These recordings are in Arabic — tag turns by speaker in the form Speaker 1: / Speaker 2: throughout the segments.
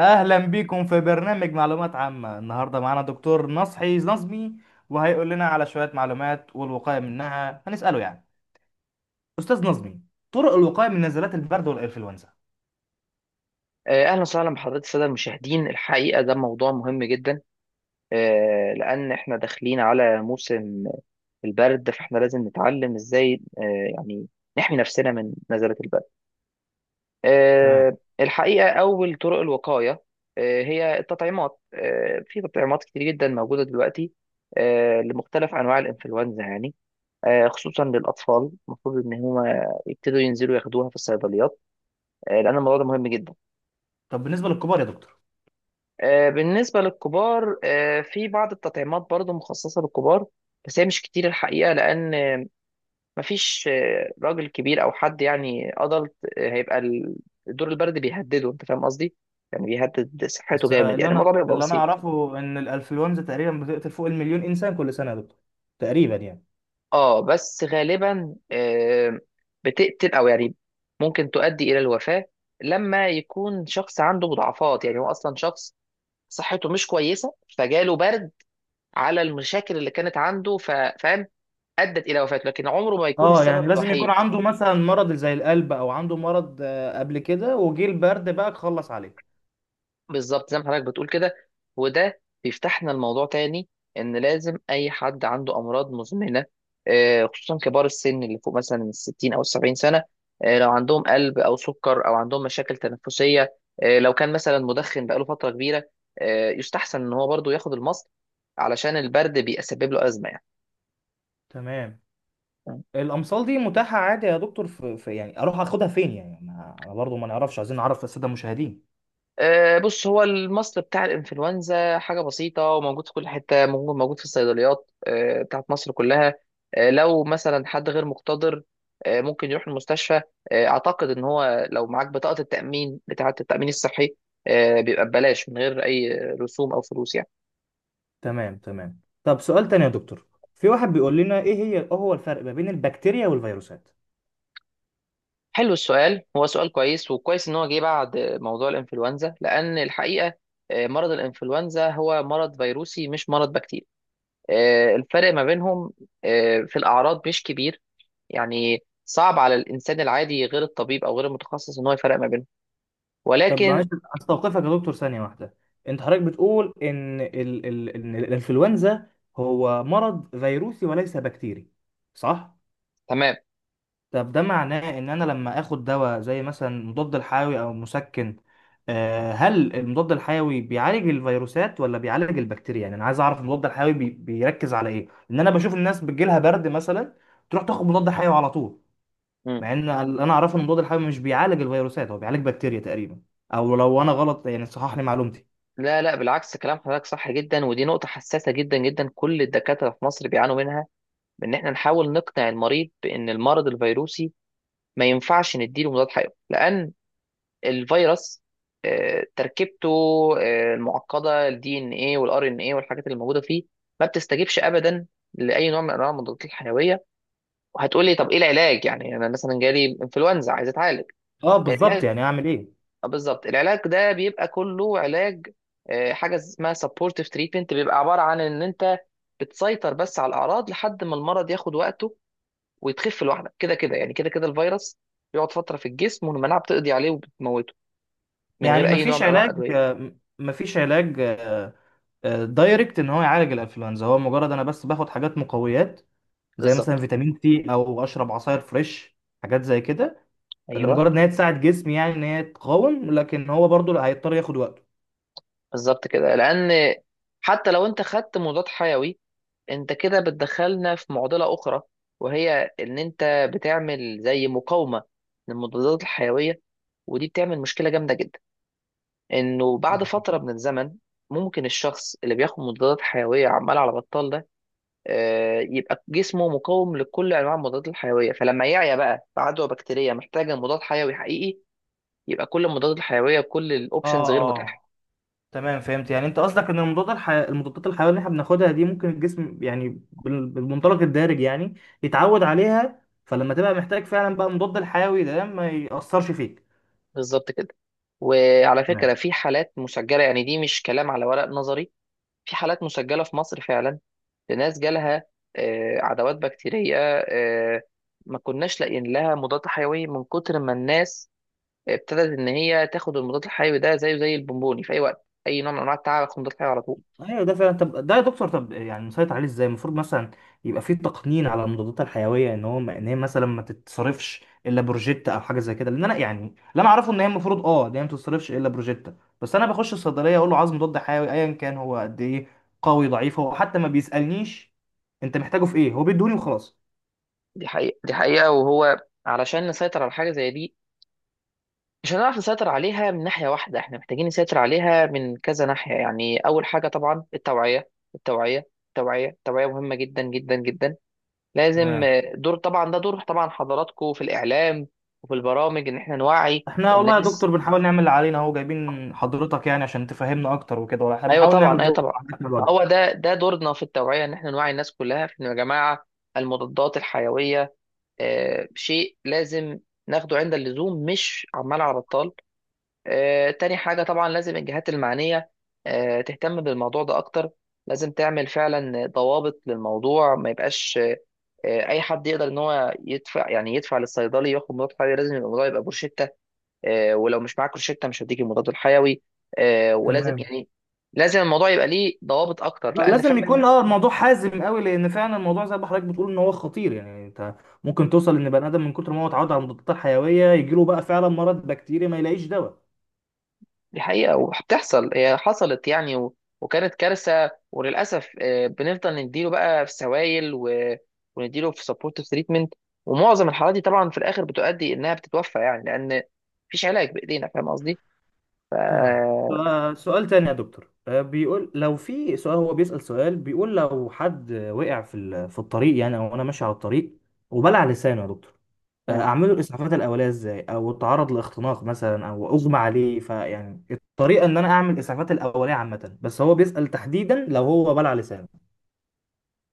Speaker 1: اهلا بيكم في برنامج معلومات عامة. النهاردة معانا دكتور نصحي نظمي وهيقول لنا على شوية معلومات والوقاية منها. هنسأله استاذ نظمي طرق الوقاية من نزلات البرد والانفلونزا.
Speaker 2: اهلا وسهلا بحضرتك الساده المشاهدين. الحقيقه ده موضوع مهم جدا. لان احنا داخلين على موسم البرد، فاحنا لازم نتعلم ازاي يعني نحمي نفسنا من نزلة البرد.
Speaker 1: تمام.
Speaker 2: الحقيقه اول طرق الوقايه هي التطعيمات. في تطعيمات كتير جدا موجوده دلوقتي لمختلف انواع الانفلونزا. يعني خصوصا للاطفال، المفروض ان هما يبتدوا ينزلوا ياخدوها في الصيدليات لان الموضوع ده مهم جدا.
Speaker 1: طب بالنسبة للكبار يا دكتور؟
Speaker 2: بالنسبة للكبار، في بعض التطعيمات برضو مخصصة للكبار. بس هي مش كتير الحقيقة، لأن مفيش راجل كبير أو حد يعني أدلت هيبقى الدور البرد بيهدده. أنت فاهم قصدي؟ يعني بيهدد صحته
Speaker 1: بس
Speaker 2: جامد،
Speaker 1: اللي
Speaker 2: يعني الموضوع
Speaker 1: انا
Speaker 2: بيبقى
Speaker 1: اللي انا
Speaker 2: بسيط.
Speaker 1: اعرفه ان الانفلونزا تقريبا بتقتل فوق المليون انسان كل سنة يا دكتور، تقريبا يعني.
Speaker 2: اه، بس غالبا بتقتل أو يعني ممكن تؤدي إلى الوفاة، لما يكون شخص عنده مضاعفات، يعني هو أصلا شخص صحته مش كويسة فجاله برد على المشاكل اللي كانت عنده فاهم، ادت الى وفاته، لكن عمره ما يكون
Speaker 1: اه، يعني
Speaker 2: السبب
Speaker 1: لازم يكون
Speaker 2: الوحيد.
Speaker 1: عنده مثلا مرض زي القلب او عنده مرض قبل كده، وجه البرد بقى خلص عليه.
Speaker 2: بالظبط زي ما حضرتك بتقول كده. وده بيفتحنا الموضوع تاني، ان لازم اي حد عنده امراض مزمنه، خصوصا كبار السن اللي فوق مثلا من 60 او 70 سنه. لو عندهم قلب او سكر او عندهم مشاكل تنفسيه، لو كان مثلا مدخن بقاله فتره كبيره، يستحسن ان هو برضو ياخد المصل، علشان البرد بيسبب له ازمه
Speaker 1: تمام.
Speaker 2: يعني.
Speaker 1: الامصال دي متاحه عادي يا دكتور؟ في يعني اروح اخدها فين؟ يعني انا برضو ما نعرفش، عايزين نعرف الساده المشاهدين.
Speaker 2: بص، هو المصل بتاع الانفلونزا حاجه بسيطه وموجود في كل حته. موجود في الصيدليات بتاعت مصر كلها. لو مثلا حد غير مقتدر، ممكن يروح المستشفى. اعتقد ان هو لو معاك بطاقه التامين بتاعه التامين الصحي، بيبقى ببلاش من غير اي رسوم او فلوس يعني.
Speaker 1: تمام تمام. طب سؤال تاني يا دكتور، في واحد بيقول لنا ايه هو الفرق ما بين البكتيريا والفيروسات؟
Speaker 2: حلو السؤال، هو سؤال كويس، وكويس ان هو جه بعد موضوع الانفلونزا لان الحقيقه مرض الانفلونزا هو مرض فيروسي مش مرض بكتيري. الفرق ما بينهم في الأعراض مش كبير، يعني صعب على الإنسان العادي غير الطبيب أو غير المتخصص إن هو يفرق ما بينهم.
Speaker 1: طب
Speaker 2: ولكن
Speaker 1: معلش استوقفك يا دكتور ثانيه واحده. انت حضرتك بتقول ان ال ال إن الانفلونزا هو مرض فيروسي وليس بكتيري، صح؟
Speaker 2: تمام.
Speaker 1: طب ده معناه ان انا لما اخد دواء زي مثلا مضاد الحيوي او مسكن، هل المضاد الحيوي بيعالج الفيروسات ولا بيعالج البكتيريا؟ يعني انا عايز اعرف المضاد الحيوي بيركز على ايه؟ ان انا بشوف الناس بتجيلها برد مثلا، تروح تاخد مضاد حيوي على طول،
Speaker 2: مم.
Speaker 1: مع ان اللي انا اعرفه ان المضاد الحيوي مش بيعالج الفيروسات، هو بيعالج بكتيريا تقريبا. او لو انا غلط يعني صحح لي معلومتي.
Speaker 2: لا، لا، بالعكس كلام حضرتك صح جدا، ودي نقطة حساسة جدا جدا. كل الدكاترة في مصر بيعانوا منها بإن إحنا نحاول نقنع المريض بإن المرض الفيروسي ما ينفعش نديله مضاد حيوي، لأن الفيروس تركيبته المعقدة الدي ان ايه والار ان ايه والحاجات اللي موجودة فيه ما بتستجيبش أبدا لأي نوع من أنواع المضادات الحيوية. وهتقولي طب ايه العلاج، يعني انا مثلا جالي انفلونزا عايز اتعالج.
Speaker 1: اه بالظبط،
Speaker 2: العلاج
Speaker 1: يعني اعمل ايه؟
Speaker 2: بالظبط، العلاج ده بيبقى كله علاج حاجه اسمها سبورتيف تريتمنت، بيبقى عباره عن ان انت بتسيطر بس على الاعراض لحد ما المرض ياخد وقته، ويتخف لوحده كده كده، يعني كده كده الفيروس بيقعد فتره في الجسم، والمناعه بتقضي عليه وبتموته من
Speaker 1: يعني
Speaker 2: غير اي نوع
Speaker 1: مفيش
Speaker 2: من انواع
Speaker 1: علاج،
Speaker 2: الادويه.
Speaker 1: مفيش علاج دايركت ان هو يعالج الانفلونزا؟ هو مجرد انا بس باخد حاجات مقويات زي مثلا
Speaker 2: بالظبط.
Speaker 1: فيتامين سي او اشرب عصاير فريش، حاجات زي كده،
Speaker 2: ايوه،
Speaker 1: لمجرد ان هي تساعد جسمي يعني ان هي تقاوم، لكن هو برضو لا، هيضطر ياخد وقته.
Speaker 2: بالظبط كده، لان حتى لو انت خدت مضاد حيوي، انت كده بتدخلنا في معضلة أخرى، وهي إن أنت بتعمل زي مقاومة للمضادات الحيوية. ودي بتعمل مشكلة جامدة جدا، إنه بعد فترة من الزمن ممكن الشخص اللي بياخد مضادات حيوية عمال على بطال ده يبقى جسمه مقاوم لكل أنواع المضادات الحيوية. فلما يعيا بقى في عدوى بكتيرية محتاجة مضاد حيوي حقيقي، يبقى كل المضادات الحيوية كل الأوبشنز
Speaker 1: اه
Speaker 2: غير متاحة.
Speaker 1: اه تمام، فهمت. يعني انت قصدك ان المضادات الحيويه اللي احنا بناخدها دي ممكن الجسم يعني بالمنطلق الدارج يعني يتعود عليها، فلما تبقى محتاج فعلا بقى مضاد الحيوي ده ما يأثرش فيك.
Speaker 2: بالظبط كده. وعلى فكرة، في حالات مسجلة، يعني دي مش كلام على ورق نظري. في حالات مسجلة في مصر فعلا، لناس جالها عدوات بكتيرية آه، ما كناش لاقيين لها مضاد حيوي، من كتر ما الناس ابتدت ان هي تاخد المضاد الحيوي ده زيه زي البونبوني، في اي وقت اي نوع من انواع التعب هاخد مضاد حيوي على طول.
Speaker 1: ايوه ده فعلا. طب ده يا دكتور، طب يعني نسيطر عليه ازاي؟ المفروض مثلا يبقى فيه تقنين على المضادات الحيويه، ان هو ان هي مثلا ما تتصرفش الا بروجيتا او حاجه زي كده، لان انا يعني اللي انا اعرفه ان هي المفروض اه ان هي ما تتصرفش الا بروجيتا، بس انا بخش الصيدليه اقول له عايز مضاد حيوي ايا كان هو قد ايه، قوي ضعيف، هو حتى ما بيسالنيش انت محتاجه في ايه، هو بيدوني وخلاص.
Speaker 2: دي حقيقة، دي حقيقة، وهو علشان نسيطر على حاجة زي دي مش هنعرف نسيطر عليها من ناحية واحدة، احنا محتاجين نسيطر عليها من كذا ناحية. يعني اول حاجة طبعا التوعية، التوعية، التوعية، التوعية مهمة جدا جدا جدا. لازم
Speaker 1: تمام.
Speaker 2: دور طبعا. ده دور طبعا حضراتكم في الاعلام وفي البرامج، ان احنا نوعي
Speaker 1: احنا والله يا
Speaker 2: الناس.
Speaker 1: دكتور بنحاول نعمل اللي علينا اهو، جايبين حضرتك يعني عشان تفهمنا اكتر وكده، وإحنا
Speaker 2: ايوه
Speaker 1: بنحاول
Speaker 2: طبعا،
Speaker 1: نعمل
Speaker 2: ايوه
Speaker 1: دور
Speaker 2: طبعا،
Speaker 1: على قد ما نقدر.
Speaker 2: هو ده دورنا في التوعيه، ان احنا نوعي الناس كلها في انه يا جماعه المضادات الحيويه شيء لازم ناخده عند اللزوم مش عمال على بطال. تاني حاجه طبعا لازم الجهات المعنيه تهتم بالموضوع ده اكتر. لازم تعمل فعلا ضوابط للموضوع، ما يبقاش اي حد يقدر ان هو يدفع يعني يدفع للصيدلي ياخد مضاد حيوي. لازم يبقى الموضوع يبقى بروشته، ولو مش معاك روشته مش هديك المضاد الحيوي. ولازم
Speaker 1: تمام.
Speaker 2: يعني لازم الموضوع يبقى ليه ضوابط اكتر لان
Speaker 1: لازم
Speaker 2: فعلا.
Speaker 1: يكون اه الموضوع حازم قوي، لان فعلا الموضوع زي ما حضرتك بتقول ان هو خطير. يعني انت ممكن توصل ان بني ادم من كتر ما هو اتعود على المضادات الحيويه، يجيله بقى فعلا مرض بكتيري ما يلاقيش دواء.
Speaker 2: دي حقيقه وبتحصل، هي حصلت يعني وكانت كارثه وللاسف. بنفضل نديله بقى في سوائل ونديله في سبورتيف تريتمنت. ومعظم الحالات دي طبعا في الاخر بتؤدي انها بتتوفى يعني، لان مفيش علاج بايدينا. فاهم قصدي؟ ف...
Speaker 1: تمام. سؤال تاني يا دكتور، بيقول لو في سؤال، هو بيسأل سؤال بيقول لو حد وقع في في الطريق يعني، او انا ماشي على الطريق وبلع لسانه يا دكتور، اعمل له الاسعافات الاوليه ازاي؟ او اتعرض لاختناق مثلا او اغمى عليه. فيعني الطريقه ان انا اعمل الاسعافات الاوليه عامه، بس هو بيسأل تحديدا لو هو بلع لسانه.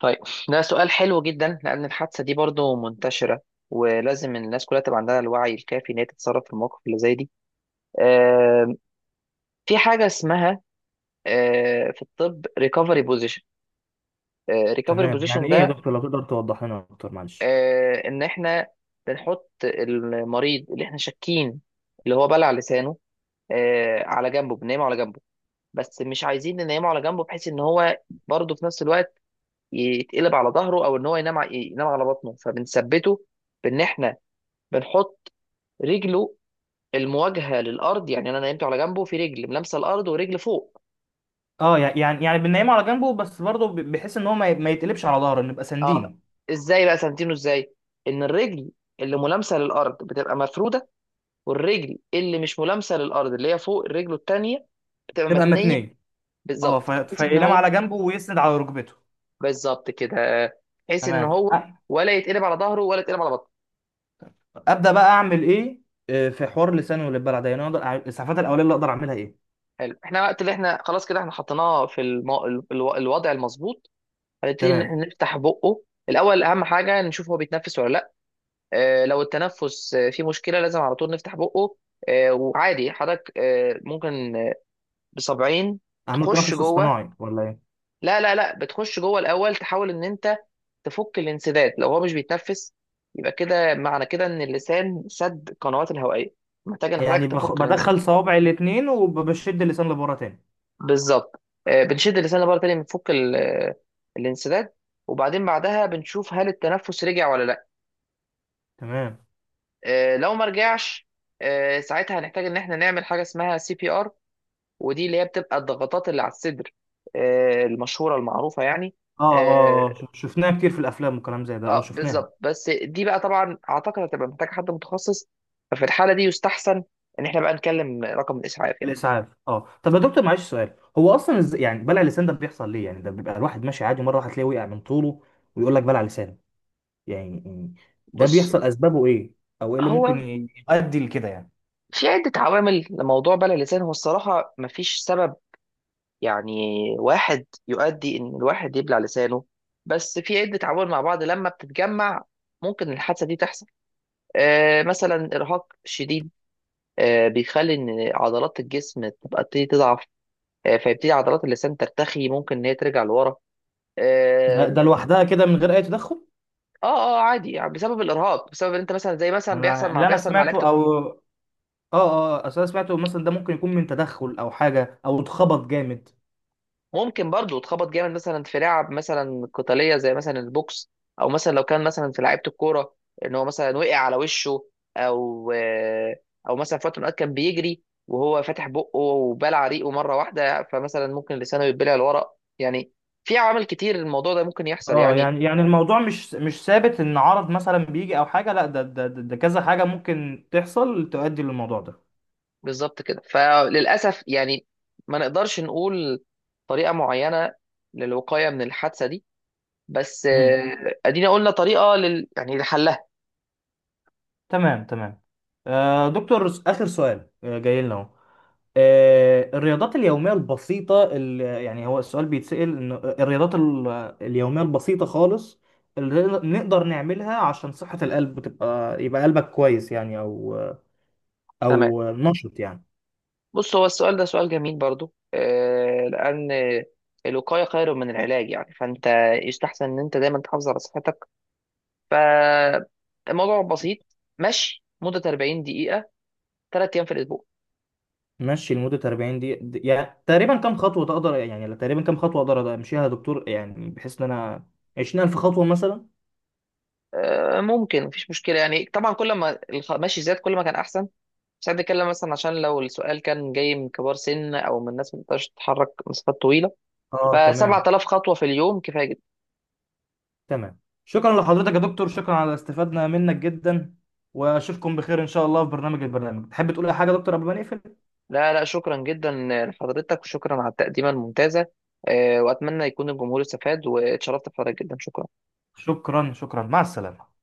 Speaker 2: طيب، ده سؤال حلو جدا، لأن الحادثة دي برضو منتشرة، ولازم الناس كلها تبقى عندها الوعي الكافي إن هي تتصرف في المواقف اللي زي دي. آم، في حاجة اسمها في الطب ريكفري بوزيشن. ريكفري
Speaker 1: تمام، يعني
Speaker 2: بوزيشن
Speaker 1: ايه يا
Speaker 2: ده
Speaker 1: دكتور؟ لو تقدر توضح لنا اكتر معلش.
Speaker 2: إن إحنا بنحط المريض اللي إحنا شاكين اللي هو بلع لسانه على جنبه. بننيمه على جنبه، بس مش عايزين ننيمه على جنبه بحيث إن هو برضه في نفس الوقت يتقلب على ظهره، أو إن هو ينام ينام على بطنه. فبنثبته بان احنا بنحط رجله المواجهه للارض، يعني انا نايمته على جنبه في رجل ملامسه الارض ورجل فوق.
Speaker 1: اه، يعني يعني بننيمه على جنبه، بس برضه بحيث ان هو ما يتقلبش على ظهره، نبقى
Speaker 2: اه.
Speaker 1: ساندينه.
Speaker 2: ازاي بقى سنتينه؟ ازاي ان الرجل اللي ملامسه للارض بتبقى مفروده، والرجل اللي مش ملامسه للارض اللي هي فوق رجله التانيه بتبقى
Speaker 1: تبقى
Speaker 2: متنيه.
Speaker 1: متنيه. اه،
Speaker 2: بالظبط بحيث ان
Speaker 1: فينام على
Speaker 2: هو.
Speaker 1: جنبه ويسند على ركبته.
Speaker 2: بالظبط كده، بحيث ان
Speaker 1: تمام
Speaker 2: هو ولا يتقلب على ظهره ولا يتقلب على بطنه.
Speaker 1: ابدا. بقى اعمل ايه في حوار لساني والبلع ده؟ يعني اقدر الاسعافات الاوليه اللي اقدر اعملها ايه؟
Speaker 2: حلو. احنا وقت اللي احنا خلاص كده احنا حطيناه في الوضع المظبوط، هنبتدي ان
Speaker 1: تمام.
Speaker 2: احنا نفتح بقه. الاول اهم حاجه نشوف هو بيتنفس ولا لا. لو التنفس فيه مشكله، لازم على طول نفتح بقه. وعادي حضرتك ممكن بصبعين
Speaker 1: اعمل
Speaker 2: تخش
Speaker 1: تنفس
Speaker 2: جوه.
Speaker 1: اصطناعي ولا ايه؟
Speaker 2: لا، لا، لا بتخش جوه الاول. تحاول ان انت تفك الانسداد، لو هو مش بيتنفس يبقى كده معنى كده ان اللسان سد القنوات الهوائيه، محتاج ان حضرتك
Speaker 1: يعني
Speaker 2: تفك
Speaker 1: بدخل
Speaker 2: الانسداد.
Speaker 1: صوابعي الاثنين وبشد اللسان لبره تاني؟
Speaker 2: بالظبط. بنشد اللسان لبره تاني، بنفك الانسداد. وبعدين بعدها بنشوف هل التنفس رجع ولا لا.
Speaker 1: تمام.
Speaker 2: لو ما رجعش ساعتها هنحتاج ان احنا نعمل حاجه اسمها سي بي ار. ودي اللي هي بتبقى الضغطات اللي على الصدر المشهورة المعروفة يعني.
Speaker 1: اه
Speaker 2: اه.
Speaker 1: اه، شفناها كتير في الافلام وكلام زي ده، اه شفناها.
Speaker 2: بالظبط. بس دي بقى طبعا اعتقد هتبقى محتاجة حد متخصص، ففي الحالة دي يستحسن ان احنا بقى نكلم رقم الاسعاف يعني.
Speaker 1: الاسعاف اه. طب يا دكتور معلش سؤال، هو اصلا يعني بلع اللسان ده بيحصل ليه؟ يعني ده بيبقى الواحد ماشي عادي، مره واحده تلاقيه وقع من طوله ويقول لك بلع لسان، يعني يعني ده
Speaker 2: بص،
Speaker 1: بيحصل اسبابه ايه؟ او ايه اللي ممكن
Speaker 2: هو
Speaker 1: يؤدي لكده يعني؟
Speaker 2: في عدة عوامل لموضوع بلع اللسان. هو الصراحة مفيش سبب يعني واحد يؤدي ان الواحد يبلع لسانه، بس في عدة عوامل مع بعض لما بتتجمع ممكن الحادثة دي تحصل. مثلا إرهاق شديد بيخلي ان عضلات الجسم تبقى تبتدي تضعف. فيبتدي عضلات اللسان ترتخي، ممكن ان هي ترجع لورا.
Speaker 1: ده
Speaker 2: اه،
Speaker 1: ده لوحدها كده من غير اي تدخل؟
Speaker 2: اه. عادي يعني بسبب الارهاق، بسبب ان انت مثلا زي مثلا
Speaker 1: أنا- اللي انا
Speaker 2: بيحصل مع لعيبه
Speaker 1: سمعته او اه، اه اصل انا سمعته مثلا ده ممكن يكون من تدخل او حاجه او اتخبط جامد.
Speaker 2: ممكن برضو تخبط جامد مثلا في لعب مثلا قتاليه زي مثلا البوكس، او مثلا لو كان مثلا في لعيبه الكوره ان هو مثلا وقع على وشه، او آه، او مثلا في وقت من الأوقات كان بيجري وهو فاتح بقه وبلع ريقه مره واحده، فمثلا ممكن لسانه يتبلع لورا يعني. في عوامل كتير الموضوع ده ممكن يحصل
Speaker 1: اه،
Speaker 2: يعني.
Speaker 1: يعني يعني الموضوع مش ثابت ان عرض مثلا بيجي او حاجه، لا ده كذا حاجه ممكن تحصل تؤدي للموضوع
Speaker 2: بالظبط كده، فللاسف يعني ما نقدرش نقول طريقه معينه للوقايه من الحادثه دي، بس
Speaker 1: ده.
Speaker 2: ادينا قلنا طريقه يعني لحلها.
Speaker 1: تمام تمام. آه دكتور، آخر سؤال آه جاي لنا اهو. آه الرياضات اليومية البسيطة اللي يعني، هو السؤال بيتسأل إن الرياضات اليومية البسيطة خالص اللي نقدر نعملها عشان صحة القلب تبقى، يبقى قلبك كويس يعني، أو
Speaker 2: تمام.
Speaker 1: أو نشط يعني.
Speaker 2: بص، هو السؤال ده سؤال جميل برضو لان الوقايه خير من العلاج. يعني فانت يستحسن ان انت دايما تحافظ على صحتك. فالموضوع بسيط، مشي مده 40 دقيقه، 3 ايام في الاسبوع.
Speaker 1: مشي لمدة 40 دقيقة يعني؟ تقريبا كم خطوة تقدر، يعني تقريبا كم خطوة أقدر أمشيها يا دكتور، يعني بحيث إن أنا 20,000 خطوة مثلا؟
Speaker 2: ممكن مفيش مشكله يعني، طبعا كل ما المشي زاد كل ما كان احسن. بس احنا بنتكلم مثلا عشان لو السؤال كان جاي من كبار سن او من ناس ما بتقدرش تتحرك مسافات طويله، ف
Speaker 1: اه تمام
Speaker 2: 7,000 خطوه في اليوم كفايه جدا.
Speaker 1: تمام. شكرا لحضرتك يا دكتور، شكرا، على استفادنا منك جدا. واشوفكم بخير ان شاء الله في برنامج البرنامج. تحب تقول اي حاجه يا دكتور قبل ما نقفل؟
Speaker 2: لا، لا، شكرا جدا لحضرتك، وشكرا على التقديمه الممتازه. واتمنى يكون الجمهور استفاد، واتشرفت بحضرتك جدا. شكرا.
Speaker 1: شكرا شكرا، مع السلامه.